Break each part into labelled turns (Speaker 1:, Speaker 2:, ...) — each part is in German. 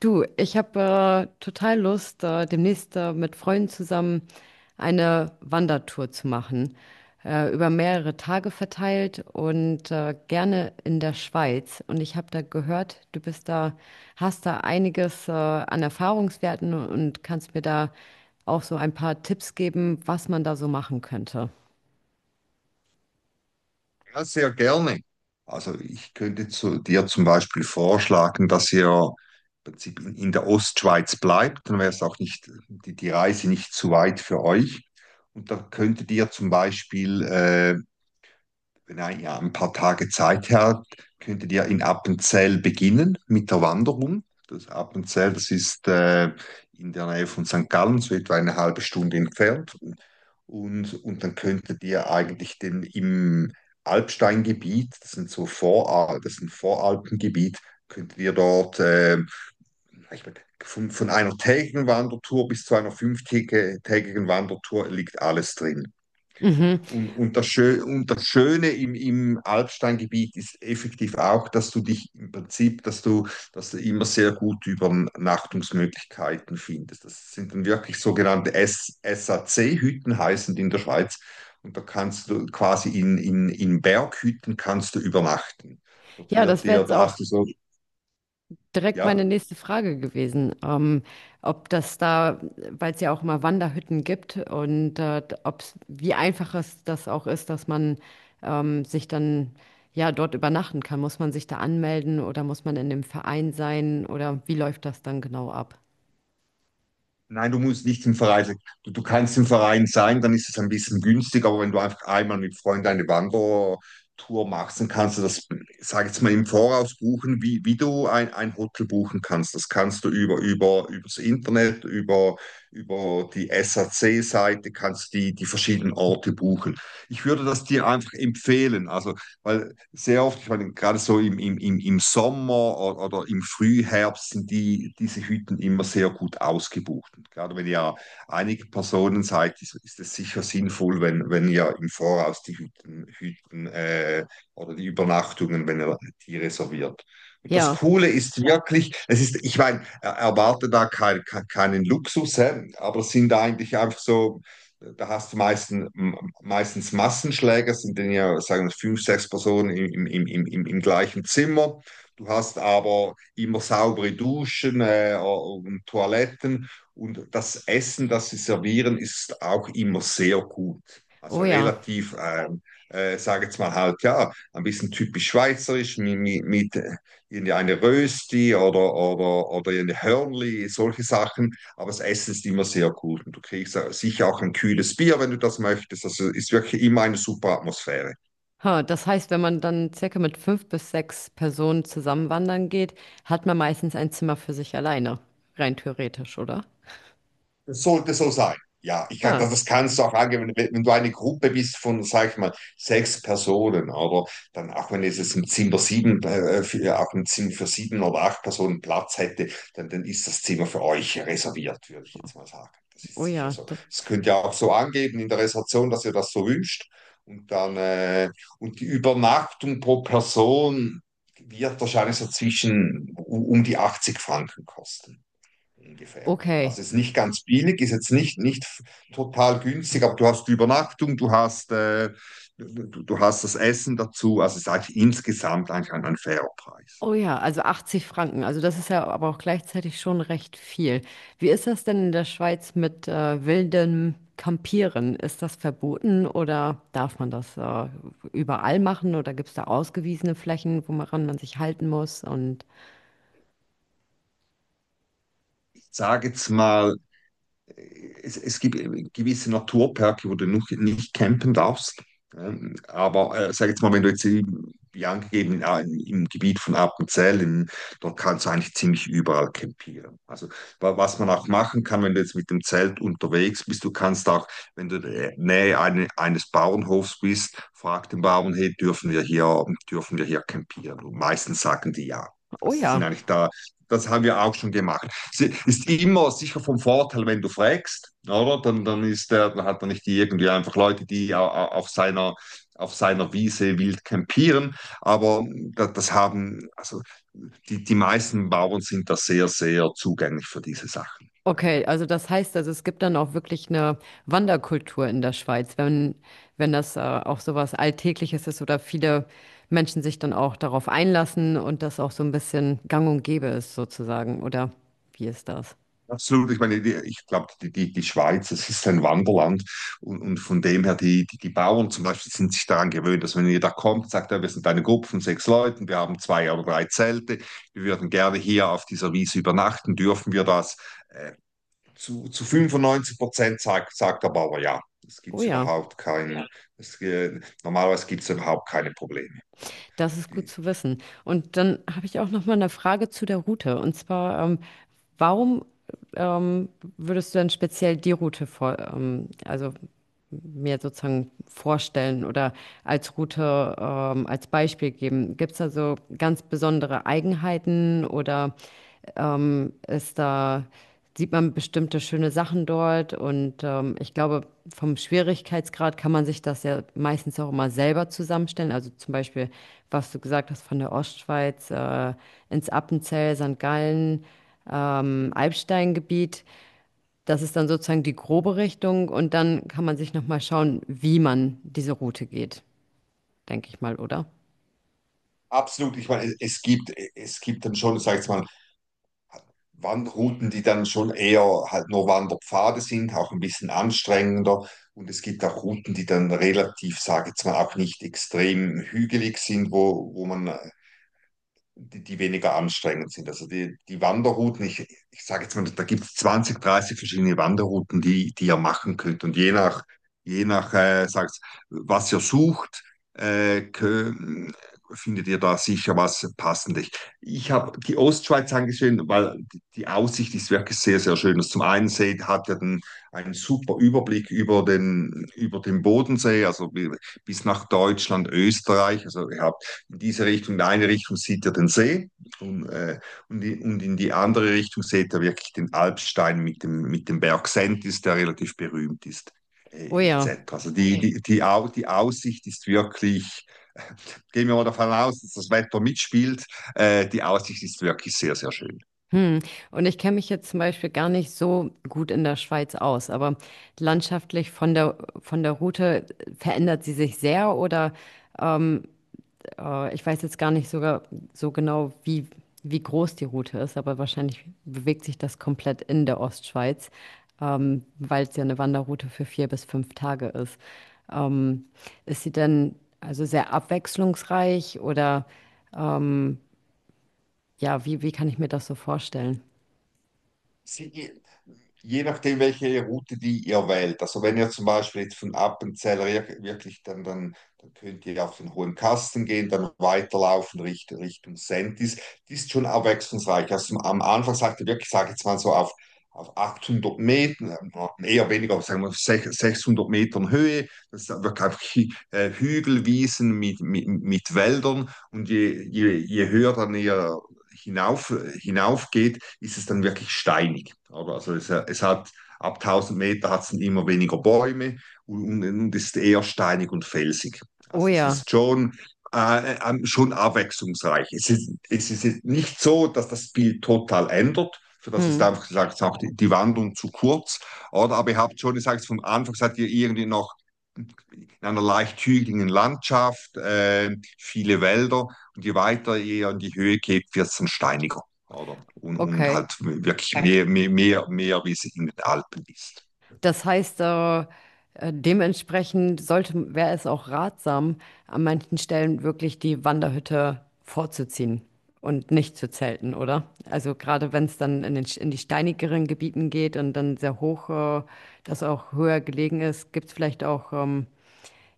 Speaker 1: Du, ich habe total Lust, demnächst mit Freunden zusammen eine Wandertour zu machen, über mehrere Tage verteilt und gerne in der Schweiz. Und ich habe da gehört, du bist da, hast da einiges an Erfahrungswerten und kannst mir da auch so ein paar Tipps geben, was man da so machen könnte.
Speaker 2: Ja, sehr gerne. Also ich könnte zu dir zum Beispiel vorschlagen, dass ihr im Prinzip in der Ostschweiz bleibt, dann wäre es auch nicht, die Reise nicht zu weit für euch. Und da könntet ihr zum Beispiel wenn er ja ein paar Tage Zeit hat, könntet ihr in Appenzell beginnen mit der Wanderung. Das Appenzell, das ist in der Nähe von St. Gallen, so etwa eine halbe Stunde entfernt. Und dann könntet ihr eigentlich im Alpsteingebiet, das ist ein Voralpengebiet, könntet ihr dort von einer tägigen Wandertour bis zu einer fünftägigen Wandertour liegt alles drin.
Speaker 1: Mhm.
Speaker 2: Und das Schöne im Alpsteingebiet ist effektiv auch, dass du dich im Prinzip, dass du immer sehr gut Übernachtungsmöglichkeiten findest. Das sind dann wirklich sogenannte SAC-Hütten, heißen die in der Schweiz. Und da kannst du quasi in Berghütten kannst du übernachten. Dort
Speaker 1: Ja,
Speaker 2: wird
Speaker 1: das wäre
Speaker 2: dir,
Speaker 1: jetzt
Speaker 2: da
Speaker 1: auch
Speaker 2: hast du so,
Speaker 1: direkt meine
Speaker 2: ja.
Speaker 1: nächste Frage gewesen, ob das da, weil es ja auch mal Wanderhütten gibt und ob wie einfach es das auch ist, dass man sich dann ja dort übernachten kann. Muss man sich da anmelden oder muss man in dem Verein sein oder wie läuft das dann genau ab?
Speaker 2: Nein, du musst nicht im Verein sein. Du kannst im Verein sein, dann ist es ein bisschen günstig, aber wenn du einfach einmal mit Freunden eine Wandertour machst, dann kannst du das, sag jetzt mal, im Voraus buchen, wie du ein Hotel buchen kannst. Das kannst du übers Internet, über die S C seite kannst du die verschiedenen Orte buchen. Ich würde das dir einfach empfehlen, also, weil sehr oft, ich meine, gerade so im Sommer oder im Frühherbst sind diese Hütten immer sehr gut ausgebucht. Und gerade wenn ihr einige Personen seid, ist es sicher sinnvoll, wenn ihr im Voraus die Hütten, Hütten oder die Übernachtungen, wenn ihr die reserviert. Und das
Speaker 1: Ja,
Speaker 2: Coole ist wirklich, es ist, ich meine, erwarte da keinen Luxus, hä? Aber es sind eigentlich einfach so da hast du meistens Massenschläger, sind dann ja, sagen wir, fünf, sechs Personen im gleichen Zimmer. Du hast aber immer saubere Duschen und Toiletten und das Essen, das sie servieren, ist auch immer sehr gut.
Speaker 1: oh
Speaker 2: Also
Speaker 1: ja.
Speaker 2: relativ, sage jetzt mal halt, ja, ein bisschen typisch schweizerisch mit irgendeine Rösti oder eine Hörnli, solche Sachen. Aber das Essen ist immer sehr gut und du kriegst sicher auch ein kühles Bier, wenn du das möchtest. Also ist wirklich immer eine super Atmosphäre.
Speaker 1: Ha, das heißt, wenn man dann circa mit fünf bis sechs Personen zusammen wandern geht, hat man meistens ein Zimmer für sich alleine, rein theoretisch, oder?
Speaker 2: Das soll, das sein. Ja, ich kann,
Speaker 1: Ah,
Speaker 2: das kannst du auch angeben, wenn du eine Gruppe bist von, sag ich mal, sechs Personen, oder dann auch wenn es jetzt ein Zimmer sieben, für, auch ein Zimmer für sieben oder acht Personen Platz hätte, dann ist das Zimmer für euch reserviert, würde ich jetzt mal sagen. Das ist
Speaker 1: oh
Speaker 2: sicher
Speaker 1: ja,
Speaker 2: so.
Speaker 1: d-
Speaker 2: Das könnt ihr auch so angeben in der Reservation, dass ihr das so wünscht. Und dann, äh, und die Übernachtung pro Person wird wahrscheinlich so zwischen um die 80 Franken kosten ungefähr.
Speaker 1: okay.
Speaker 2: Also ist nicht ganz billig, ist jetzt nicht total günstig, aber du hast die Übernachtung, du hast das Essen dazu. Also ist eigentlich insgesamt eigentlich ein fairer Preis.
Speaker 1: Oh ja, also 80 Franken. Also das ist ja aber auch gleichzeitig schon recht viel. Wie ist das denn in der Schweiz mit wildem Campieren? Ist das verboten oder darf man das überall machen oder gibt es da ausgewiesene Flächen, woran man sich halten muss? Und
Speaker 2: Ich sage jetzt mal, es gibt gewisse Naturperke, wo du noch nicht campen darfst. Aber sag jetzt mal, wenn du jetzt wie angegeben ja, im Gebiet von Appenzell, dort kannst du eigentlich ziemlich überall campieren. Also was man auch machen kann, wenn du jetzt mit dem Zelt unterwegs bist, du kannst auch, wenn du in der Nähe eines Bauernhofs bist, frag den Bauern, hey, dürfen wir hier campieren? Und meistens sagen die ja.
Speaker 1: oh
Speaker 2: Also sie sind
Speaker 1: ja.
Speaker 2: eigentlich da, das haben wir auch schon gemacht, ist immer sicher vom Vorteil, wenn du fragst, oder? Dann hat er nicht die irgendwie einfach Leute, die auf seiner Wiese wild campieren. Aber das haben, also die meisten Bauern sind da sehr, sehr zugänglich für diese Sachen.
Speaker 1: Okay, also das heißt, also es gibt dann auch wirklich eine Wanderkultur in der Schweiz, wenn das auch sowas Alltägliches ist oder viele Menschen sich dann auch darauf einlassen und das auch so ein bisschen gang und gäbe ist sozusagen, oder wie ist das?
Speaker 2: Absolut, ich meine, ich glaube, die Schweiz, es ist ein Wanderland und von dem her, die Bauern zum Beispiel sind sich daran gewöhnt, dass wenn jeder kommt, sagt er, wir sind eine Gruppe von sechs Leuten, wir haben zwei oder drei Zelte, wir würden gerne hier auf dieser Wiese übernachten, dürfen wir das? Äh, zu 95% sagt der Bauer ja. Es
Speaker 1: Oh
Speaker 2: gibt
Speaker 1: ja,
Speaker 2: überhaupt kein, es, normalerweise gibt es überhaupt keine Probleme. Ja,
Speaker 1: das ist gut
Speaker 2: Die,
Speaker 1: zu wissen. Und dann habe ich auch noch mal eine Frage zu der Route. Und zwar, warum ähm, würdest du denn speziell die Route vor, also mir sozusagen vorstellen oder als Route als Beispiel geben? Gibt es da so ganz besondere Eigenheiten oder ist da, sieht man bestimmte schöne Sachen dort? Und ich glaube, vom Schwierigkeitsgrad kann man sich das ja meistens auch immer selber zusammenstellen. Also zum Beispiel, was du gesagt hast, von der Ostschweiz ins Appenzell, St. Gallen, Alpsteingebiet. Das ist dann sozusagen die grobe Richtung und dann kann man sich nochmal schauen, wie man diese Route geht, denke ich mal, oder?
Speaker 2: Absolut, ich meine, es gibt dann schon, sag ich mal, Wanderrouten, die dann schon eher halt nur Wanderpfade sind, auch ein bisschen anstrengender. Und es gibt auch Routen, die dann relativ, sage ich jetzt mal, auch nicht extrem hügelig sind, wo man die weniger anstrengend sind. Also die Wanderrouten, ich sage jetzt mal, da gibt es 20-30 verschiedene Wanderrouten, die ihr machen könnt. Und je nach sagt's, was ihr sucht, äh, kö- findet ihr da sicher was Passendes. Ich habe die Ostschweiz angesehen, weil die Aussicht ist wirklich sehr, sehr schön. Also zum einen hat ihr einen super Überblick über den Bodensee, also bis nach Deutschland, Österreich. Also ihr habt in diese Richtung, in eine Richtung sieht er den See und, äh, und in die andere Richtung sieht er wirklich den Alpstein mit dem Berg Sentis, der relativ berühmt ist,
Speaker 1: Oh
Speaker 2: et
Speaker 1: ja.
Speaker 2: cetera. Also die Aussicht ist wirklich, gehen wir mal davon aus, dass das Wetter mitspielt, die Aussicht ist wirklich sehr, sehr schön.
Speaker 1: Hm. Und ich kenne mich jetzt zum Beispiel gar nicht so gut in der Schweiz aus, aber landschaftlich von der Route verändert sie sich sehr oder ähm, ich weiß jetzt gar nicht sogar so genau, wie, wie groß die Route ist, aber wahrscheinlich bewegt sich das komplett in der Ostschweiz, weil es ja eine Wanderroute für vier bis fünf Tage ist. Ähm, ist sie denn also sehr abwechslungsreich oder ähm, ja, wie, wie kann ich mir das so vorstellen?
Speaker 2: Sie, Je nachdem, welche Route die ihr wählt. Also wenn ihr zum Beispiel jetzt von Appenzeller wirklich dann könnt ihr auf den Hohen Kasten gehen, dann weiterlaufen Richtung Sentis. Die ist schon abwechslungsreich. Also am Anfang sagt ihr wirklich, sage jetzt mal so auf 800 Metern, eher weniger, sagen wir 600 Metern Höhe. Das ist wirklich einfach Hügelwiesen mit Wäldern. Und je höher dann ihr hinauf, hinaufgeht, ist es dann wirklich steinig. Oder? Also es hat ab 1000 Meter hat es dann immer weniger Bäume ist eher steinig und felsig.
Speaker 1: Oh
Speaker 2: Also es
Speaker 1: ja,
Speaker 2: ist schon, schon abwechslungsreich. Es ist nicht so, dass das Bild total ändert. Für das ist
Speaker 1: hm,
Speaker 2: einfach gesagt, auch die Wandlung zu kurz. Oder? Aber ihr habt schon gesagt, vom Anfang seid ihr irgendwie noch in einer leicht hügeligen Landschaft, viele Wälder. Und je weiter ihr in die Höhe geht, wird es dann steiniger. Oder? Und
Speaker 1: okay.
Speaker 2: halt wirklich ja, mehr, wie es in den Alpen ist.
Speaker 1: Das heißt, dementsprechend sollte, wäre es auch ratsam, an manchen Stellen wirklich die Wanderhütte vorzuziehen und nicht zu zelten, oder? Also gerade wenn es dann in den, in die steinigeren Gebieten geht und dann sehr hoch, das auch höher gelegen ist, gibt es vielleicht auch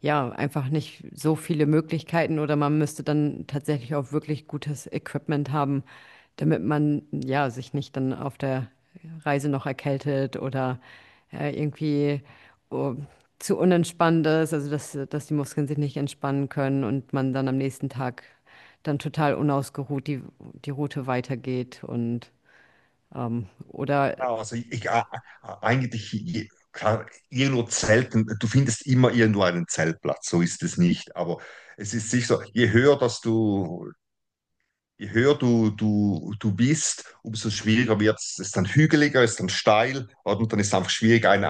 Speaker 1: ja, einfach nicht so viele Möglichkeiten oder man müsste dann tatsächlich auch wirklich gutes Equipment haben, damit man ja sich nicht dann auf der Reise noch erkältet oder irgendwie oh, zu unentspannt ist, also dass, dass die Muskeln sich nicht entspannen können und man dann am nächsten Tag dann total unausgeruht die, die Route weitergeht und oder
Speaker 2: Ja, also klar, irgendwo Zelten, du findest immer irgendwo einen Zeltplatz, so ist es nicht. Aber es ist sicher so, je höher du bist, umso schwieriger wird es. Es ist dann hügeliger, es ist dann steil, oder? Und dann ist es einfach schwierig,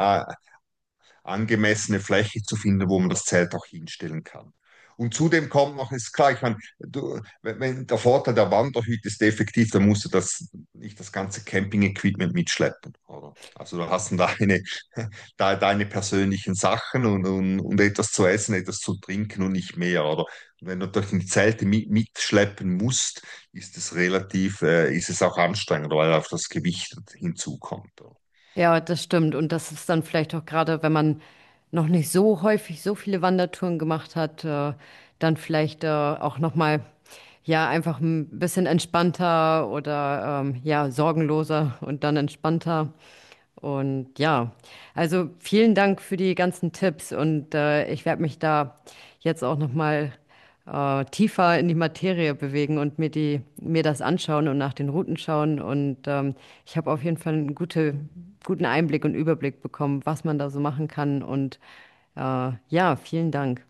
Speaker 2: angemessene Fläche zu finden, wo man das Zelt auch hinstellen kann. Und zudem kommt noch, ist klar, ich meine, du, wenn, der Vorteil der Wanderhütte ist effektiv, dann musst du nicht das ganze Camping-Equipment mitschleppen, oder? Also du hast dann deine, deine persönlichen Sachen etwas zu essen, etwas zu trinken und nicht mehr, oder? Und wenn du durch die Zelte mitschleppen musst, ist es auch anstrengend, weil auch das Gewicht hinzukommt, oder?
Speaker 1: ja, das stimmt. Und das ist dann vielleicht auch gerade, wenn man noch nicht so häufig so viele Wandertouren gemacht hat, dann vielleicht auch noch mal ja einfach ein bisschen entspannter oder ja sorgenloser und dann entspannter. Und ja, also vielen Dank für die ganzen Tipps und ich werde mich da jetzt auch noch mal tiefer in die Materie bewegen und mir die, mir das anschauen und nach den Routen schauen. Und ich habe auf jeden Fall einen gute, guten Einblick und Überblick bekommen, was man da so machen kann. Und ja, vielen Dank.